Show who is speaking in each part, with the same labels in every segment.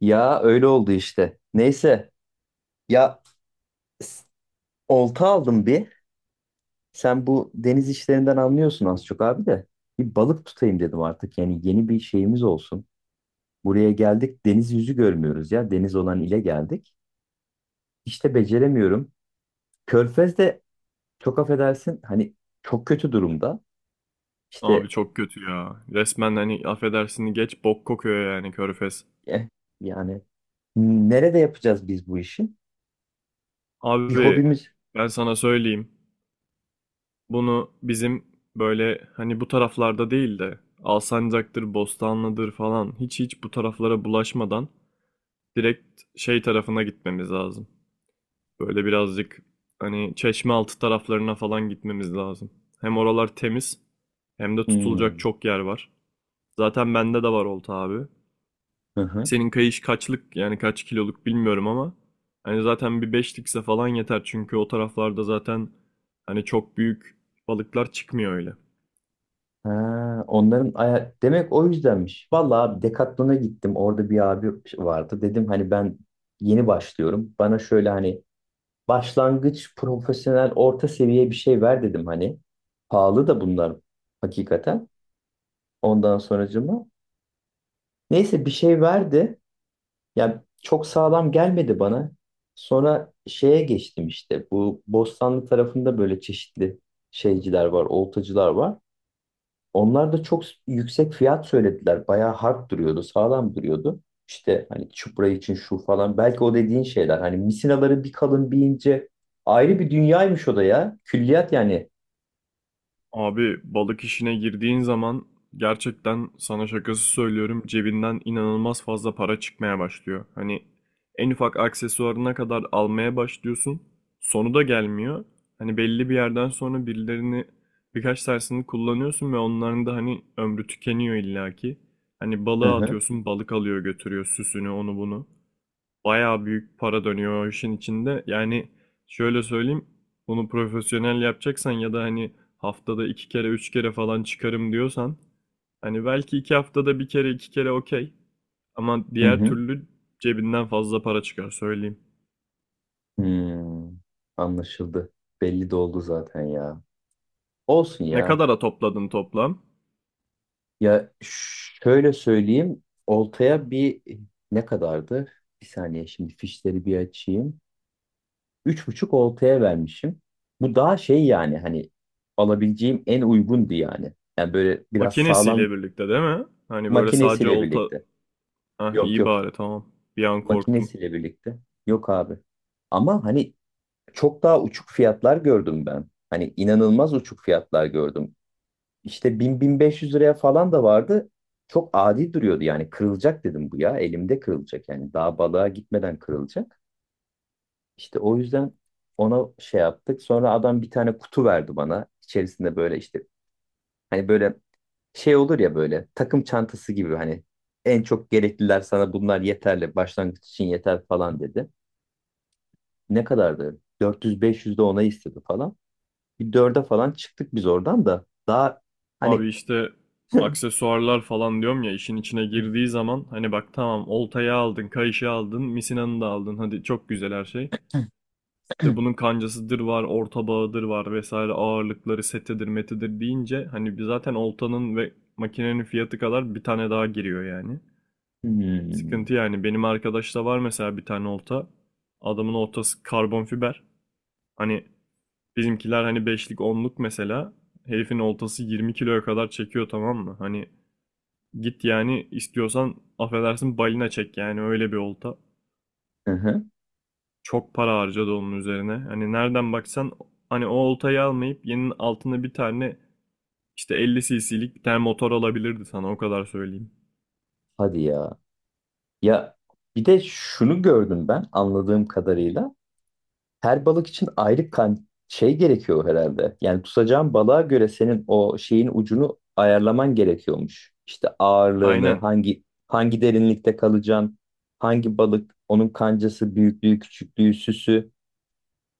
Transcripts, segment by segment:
Speaker 1: Ya öyle oldu işte. Neyse ya s- olta aldım bir. Sen bu deniz işlerinden anlıyorsun az çok abi de. Bir balık tutayım dedim artık. Yani yeni bir şeyimiz olsun. Buraya geldik deniz yüzü görmüyoruz ya. Deniz olan ile geldik. İşte beceremiyorum. Körfez de çok affedersin hani çok kötü durumda.
Speaker 2: Abi
Speaker 1: İşte
Speaker 2: çok kötü ya. Resmen hani affedersin geç bok kokuyor yani Körfez.
Speaker 1: eh, yani nerede yapacağız biz bu işi? Bir
Speaker 2: Abi
Speaker 1: hobimiz.
Speaker 2: ben sana söyleyeyim. Bunu bizim böyle hani bu taraflarda değil de Alsancak'tır, Bostanlı'dır falan hiç hiç bu taraflara bulaşmadan direkt şey tarafına gitmemiz lazım. Böyle birazcık hani Çeşmealtı taraflarına falan gitmemiz lazım. Hem oralar temiz hem de tutulacak
Speaker 1: Hmm.
Speaker 2: çok yer var. Zaten bende de var olta abi.
Speaker 1: Hı hı.
Speaker 2: Senin kayış kaçlık yani kaç kiloluk bilmiyorum ama hani zaten bir beşlikse falan yeter çünkü o taraflarda zaten hani çok büyük balıklar çıkmıyor öyle.
Speaker 1: Ha, onların aya demek o yüzdenmiş. Vallahi abi Decathlon'a gittim. Orada bir abi vardı. Dedim hani ben yeni başlıyorum. Bana şöyle hani başlangıç, profesyonel, orta seviye bir şey ver dedim hani. Pahalı da bunlar hakikaten. Ondan sonracıma. Neyse bir şey verdi. Ya çok sağlam gelmedi bana. Sonra şeye geçtim işte. Bu Bostanlı tarafında böyle çeşitli şeyciler var, oltacılar var. Onlar da çok yüksek fiyat söylediler. Bayağı hard duruyordu, sağlam duruyordu. İşte hani çupra için şu falan. Belki o dediğin şeyler. Hani misinaları bir kalın bir ince. Ayrı bir dünyaymış o da ya. Külliyat yani.
Speaker 2: Abi balık işine girdiğin zaman gerçekten sana şakası söylüyorum cebinden inanılmaz fazla para çıkmaya başlıyor. Hani en ufak aksesuarına kadar almaya başlıyorsun. Sonu da gelmiyor. Hani belli bir yerden sonra birilerini birkaç tersini kullanıyorsun ve onların da hani ömrü tükeniyor illaki. Hani
Speaker 1: Hı
Speaker 2: balığa
Speaker 1: hı.
Speaker 2: atıyorsun balık alıyor götürüyor süsünü onu bunu bayağı büyük para dönüyor o işin içinde. Yani şöyle söyleyeyim, bunu profesyonel yapacaksan ya da hani haftada 2 kere 3 kere falan çıkarım diyorsan hani belki 2 haftada bir kere 2 kere okey. Ama
Speaker 1: Hı
Speaker 2: diğer
Speaker 1: hı.
Speaker 2: türlü cebinden fazla para çıkar söyleyeyim.
Speaker 1: Hmm. Anlaşıldı. Belli de oldu zaten ya. Olsun
Speaker 2: Ne
Speaker 1: ya.
Speaker 2: kadara topladın toplam?
Speaker 1: Ya şöyle söyleyeyim. Oltaya bir ne kadardı? Bir saniye şimdi fişleri bir açayım. 3.500 oltaya vermişim. Bu daha şey yani hani alabileceğim en uygundu yani. Yani böyle biraz sağlam
Speaker 2: Makinesiyle birlikte değil mi? Hani böyle sadece
Speaker 1: makinesiyle
Speaker 2: olta...
Speaker 1: birlikte.
Speaker 2: Ah
Speaker 1: Yok
Speaker 2: iyi
Speaker 1: yok.
Speaker 2: bari tamam. Bir an korktum.
Speaker 1: Makinesiyle birlikte. Yok abi. Ama hani çok daha uçuk fiyatlar gördüm ben. Hani inanılmaz uçuk fiyatlar gördüm. İşte 1.000 1.500 liraya falan da vardı. Çok adi duruyordu yani kırılacak dedim bu ya. Elimde kırılacak yani daha balığa gitmeden kırılacak. İşte o yüzden ona şey yaptık. Sonra adam bir tane kutu verdi bana. İçerisinde böyle işte hani böyle şey olur ya böyle takım çantası gibi hani en çok gerekliler sana bunlar yeterli başlangıç için yeter falan dedi. Ne kadardı? 400-500 de ona istedi falan. Bir 4'e falan çıktık biz oradan da daha hani
Speaker 2: Abi işte aksesuarlar falan diyorum ya işin içine girdiği zaman hani bak tamam oltayı aldın, kayışı aldın, misinanı da aldın. Hadi çok güzel her şey. İşte bunun kancasıdır var, orta bağıdır var vesaire ağırlıkları setidir metidir deyince hani bir zaten oltanın ve makinenin fiyatı kadar bir tane daha giriyor yani.
Speaker 1: hmm,
Speaker 2: Sıkıntı yani benim arkadaşta var mesela bir tane olta. Adamın oltası karbon fiber. Hani bizimkiler hani beşlik onluk mesela. Herifin oltası 20 kiloya kadar çekiyor tamam mı? Hani git yani istiyorsan affedersin balina çek yani öyle bir olta.
Speaker 1: hı hı,
Speaker 2: Çok para harcadı onun üzerine. Hani nereden baksan hani o oltayı almayıp yeninin altına bir tane işte 50 cc'lik bir tane motor alabilirdi sana o kadar söyleyeyim.
Speaker 1: hadi ya. Ya bir de şunu gördüm ben anladığım kadarıyla. Her balık için ayrı kan şey gerekiyor herhalde. Yani tutacağın balığa göre senin o şeyin ucunu ayarlaman gerekiyormuş. İşte ağırlığını,
Speaker 2: Aynen.
Speaker 1: hangi derinlikte kalacaksın, hangi balık, onun kancası, büyüklüğü, küçüklüğü, süsü.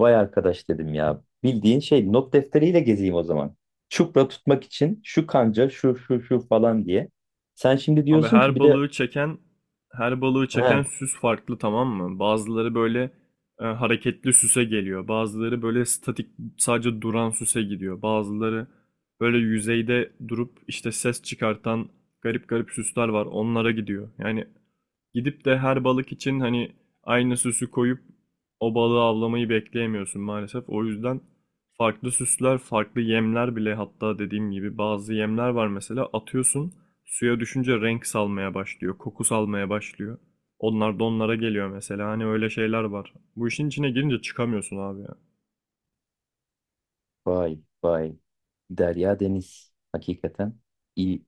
Speaker 1: Vay arkadaş dedim ya. Bildiğin şey not defteriyle gezeyim o zaman. Çupra tutmak için şu kanca, şu şu şu falan diye. Sen şimdi
Speaker 2: Abi
Speaker 1: diyorsun ki
Speaker 2: her
Speaker 1: bir de
Speaker 2: balığı çeken her balığı
Speaker 1: he,
Speaker 2: çeken süs farklı tamam mı? Bazıları böyle hareketli süse geliyor. Bazıları böyle statik sadece duran süse gidiyor. Bazıları böyle yüzeyde durup işte ses çıkartan garip garip süsler var. Onlara gidiyor. Yani gidip de her balık için hani aynı süsü koyup o balığı avlamayı bekleyemiyorsun maalesef. O yüzden farklı süsler, farklı yemler bile hatta dediğim gibi bazı yemler var mesela atıyorsun suya düşünce renk salmaya başlıyor, koku salmaya başlıyor. Onlar da onlara geliyor mesela. Hani öyle şeyler var. Bu işin içine girince çıkamıyorsun abi ya.
Speaker 1: vay vay. Derya Deniz. Hakikaten iyi.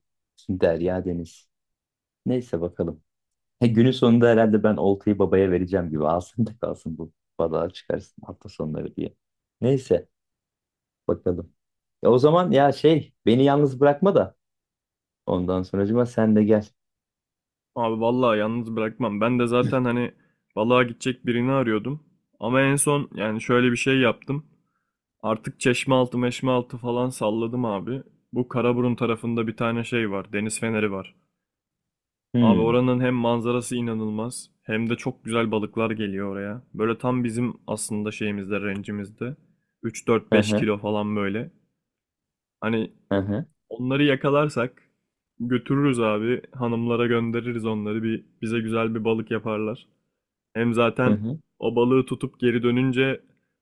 Speaker 1: Derya Deniz. Neyse bakalım. He, günün sonunda herhalde ben oltayı babaya vereceğim gibi. Alsın da kalsın bu. Balığa çıkarsın hafta sonları diye. Neyse bakalım. Ya o zaman ya şey beni yalnız bırakma da. Ondan sonracıma sen de gel.
Speaker 2: Abi vallahi yalnız bırakmam. Ben de zaten hani balığa gidecek birini arıyordum. Ama en son yani şöyle bir şey yaptım. Artık Çeşmealtı Meşmealtı falan salladım abi. Bu Karaburun tarafında bir tane şey var. Deniz feneri var. Abi
Speaker 1: Hmm.
Speaker 2: oranın hem manzarası inanılmaz hem de çok güzel balıklar geliyor oraya. Böyle tam bizim aslında şeyimizde, rencimizde.
Speaker 1: Hı
Speaker 2: 3-4-5
Speaker 1: hı.
Speaker 2: kilo falan böyle. Hani
Speaker 1: Hı hı.
Speaker 2: onları yakalarsak götürürüz abi. Hanımlara göndeririz onları. Bir, bize güzel bir balık yaparlar. Hem
Speaker 1: Hı
Speaker 2: zaten
Speaker 1: hı.
Speaker 2: o balığı tutup geri dönünce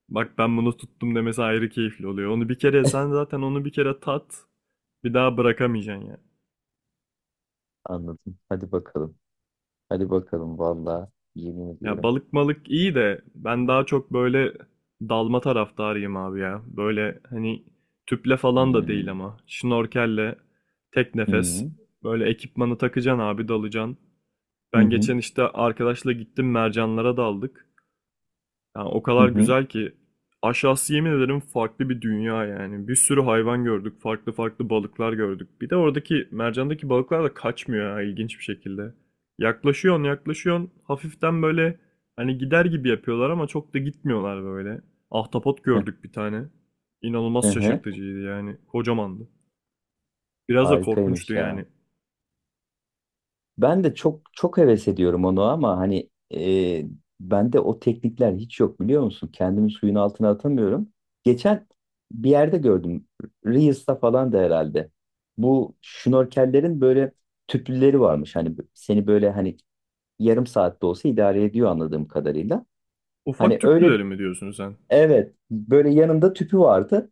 Speaker 2: bak ben bunu tuttum demesi ayrı keyifli oluyor. Onu bir kere sen zaten onu bir kere tat bir daha bırakamayacaksın ya.
Speaker 1: Anladım. Hadi bakalım. Hadi bakalım. Vallahi yemin
Speaker 2: Ya
Speaker 1: ediyorum.
Speaker 2: balık malık iyi de ben daha çok böyle dalma taraftarıyım abi ya. Böyle hani tüple falan da değil
Speaker 1: Hmm.
Speaker 2: ama şnorkelle tek nefes
Speaker 1: Hmm.
Speaker 2: böyle ekipmanı takacaksın abi dalacaksın.
Speaker 1: Hı
Speaker 2: Ben
Speaker 1: hı.
Speaker 2: geçen işte arkadaşla gittim mercanlara daldık. Yani o
Speaker 1: Hı
Speaker 2: kadar
Speaker 1: hı.
Speaker 2: güzel ki aşağısı yemin ederim farklı bir dünya yani. Bir sürü hayvan gördük, farklı farklı balıklar gördük. Bir de oradaki mercandaki balıklar da kaçmıyor ha ilginç bir şekilde. Yaklaşıyorsun, yaklaşıyorsun. Hafiften böyle hani gider gibi yapıyorlar ama çok da gitmiyorlar böyle. Ahtapot
Speaker 1: Hı hı.
Speaker 2: gördük bir tane.
Speaker 1: Hı
Speaker 2: İnanılmaz
Speaker 1: hı.
Speaker 2: şaşırtıcıydı yani. Kocamandı. Biraz da
Speaker 1: Harikaymış
Speaker 2: korkunçtu
Speaker 1: ya.
Speaker 2: yani.
Speaker 1: Ben de çok çok heves ediyorum onu ama hani bende o teknikler hiç yok biliyor musun? Kendimi suyun altına atamıyorum. Geçen bir yerde gördüm. Reels'ta falan da herhalde. Bu şnorkellerin böyle tüplüleri varmış. Hani seni böyle hani yarım saatte olsa idare ediyor anladığım kadarıyla. Hani
Speaker 2: Ufak
Speaker 1: öyle
Speaker 2: tüplüleri mi diyorsun sen?
Speaker 1: evet böyle yanında tüpü vardı.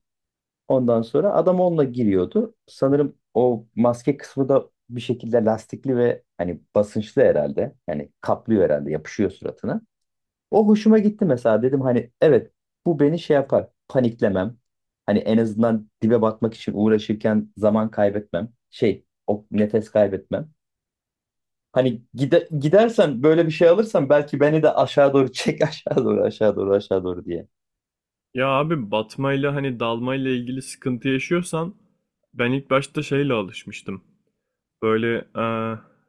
Speaker 1: Ondan sonra adam onunla giriyordu. Sanırım o maske kısmı da bir şekilde lastikli ve hani basınçlı herhalde. Yani kaplıyor herhalde, yapışıyor suratına. O hoşuma gitti mesela. Dedim hani evet bu beni şey yapar, paniklemem. Hani en azından dibe batmak için uğraşırken zaman kaybetmem. Şey, o nefes kaybetmem. Hani gidersen böyle bir şey alırsan belki beni de aşağı doğru çek aşağı doğru aşağı doğru aşağı doğru diye.
Speaker 2: Ya abi batmayla hani dalmayla ilgili sıkıntı yaşıyorsan ben ilk başta şeyle alışmıştım. Böyle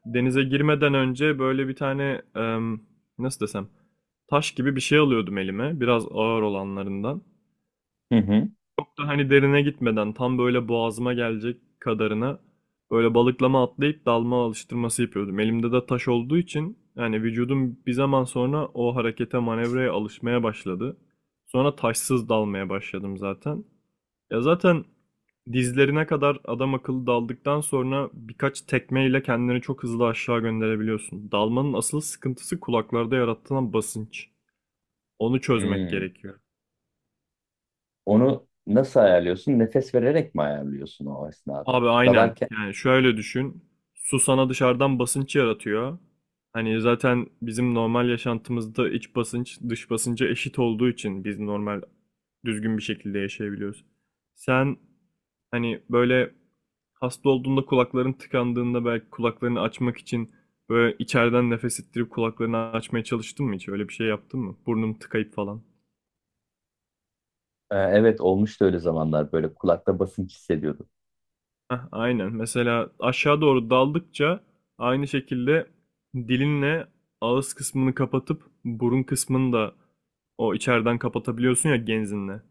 Speaker 2: denize girmeden önce böyle bir tane nasıl desem taş gibi bir şey alıyordum elime biraz ağır olanlarından
Speaker 1: Hı hı.
Speaker 2: da hani derine gitmeden tam böyle boğazıma gelecek kadarına böyle balıklama atlayıp dalma alıştırması yapıyordum. Elimde de taş olduğu için yani vücudum bir zaman sonra o harekete manevraya alışmaya başladı. Sonra taşsız dalmaya başladım zaten. Ya zaten dizlerine kadar adam akıllı daldıktan sonra birkaç tekmeyle kendini çok hızlı aşağı gönderebiliyorsun. Dalmanın asıl sıkıntısı kulaklarda yaratılan basınç. Onu çözmek
Speaker 1: Hmm.
Speaker 2: gerekiyor.
Speaker 1: Onu nasıl ayarlıyorsun? Nefes vererek mi ayarlıyorsun o esnada?
Speaker 2: Abi aynen.
Speaker 1: Dalarken
Speaker 2: Yani şöyle düşün. Su sana dışarıdan basınç yaratıyor. Hani zaten bizim normal yaşantımızda iç basınç dış basınca eşit olduğu için biz normal düzgün bir şekilde yaşayabiliyoruz. Sen hani böyle hasta olduğunda kulakların tıkandığında belki kulaklarını açmak için böyle içeriden nefes ettirip kulaklarını açmaya çalıştın mı hiç? Öyle bir şey yaptın mı? Burnum tıkayıp falan.
Speaker 1: Evet olmuştu öyle zamanlar böyle kulakta basınç hissediyordum.
Speaker 2: Heh, aynen. Mesela aşağı doğru daldıkça aynı şekilde dilinle ağız kısmını kapatıp burun kısmını da o içeriden kapatabiliyorsun ya genzinle.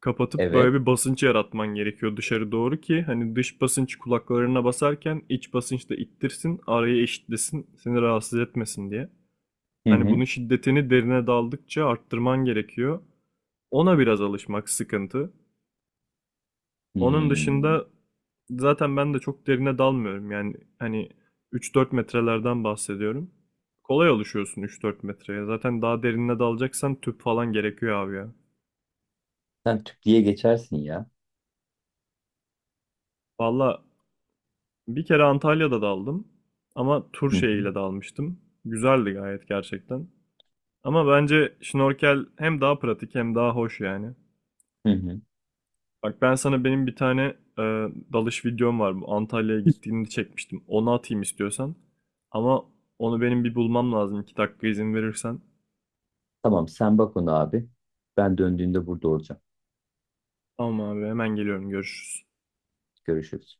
Speaker 2: Kapatıp böyle
Speaker 1: Evet.
Speaker 2: bir basınç yaratman gerekiyor dışarı doğru ki hani dış basınç kulaklarına basarken iç basınç da ittirsin, arayı eşitlesin, seni rahatsız etmesin diye.
Speaker 1: Hı
Speaker 2: Hani
Speaker 1: hı.
Speaker 2: bunun şiddetini derine daldıkça arttırman gerekiyor. Ona biraz alışmak sıkıntı. Onun
Speaker 1: Hmm.
Speaker 2: dışında zaten ben de çok derine dalmıyorum. Yani hani 3-4 metrelerden bahsediyorum. Kolay alışıyorsun 3-4 metreye. Zaten daha derine dalacaksan tüp falan gerekiyor abi ya.
Speaker 1: Sen tüp diye geçersin ya.
Speaker 2: Valla bir kere Antalya'da daldım. Ama tur
Speaker 1: Hı hı.
Speaker 2: şeyiyle dalmıştım. Güzeldi gayet gerçekten. Ama bence şnorkel hem daha pratik hem daha hoş yani.
Speaker 1: Hı hı.
Speaker 2: Bak ben sana benim bir tane e, dalış videom var. Bu Antalya'ya gittiğimde çekmiştim. Onu atayım istiyorsan. Ama onu benim bir bulmam lazım. 2 dakika izin verirsen.
Speaker 1: Tamam sen bak onu abi. Ben döndüğümde burada olacağım.
Speaker 2: Tamam abi hemen geliyorum. Görüşürüz.
Speaker 1: Görüşürüz.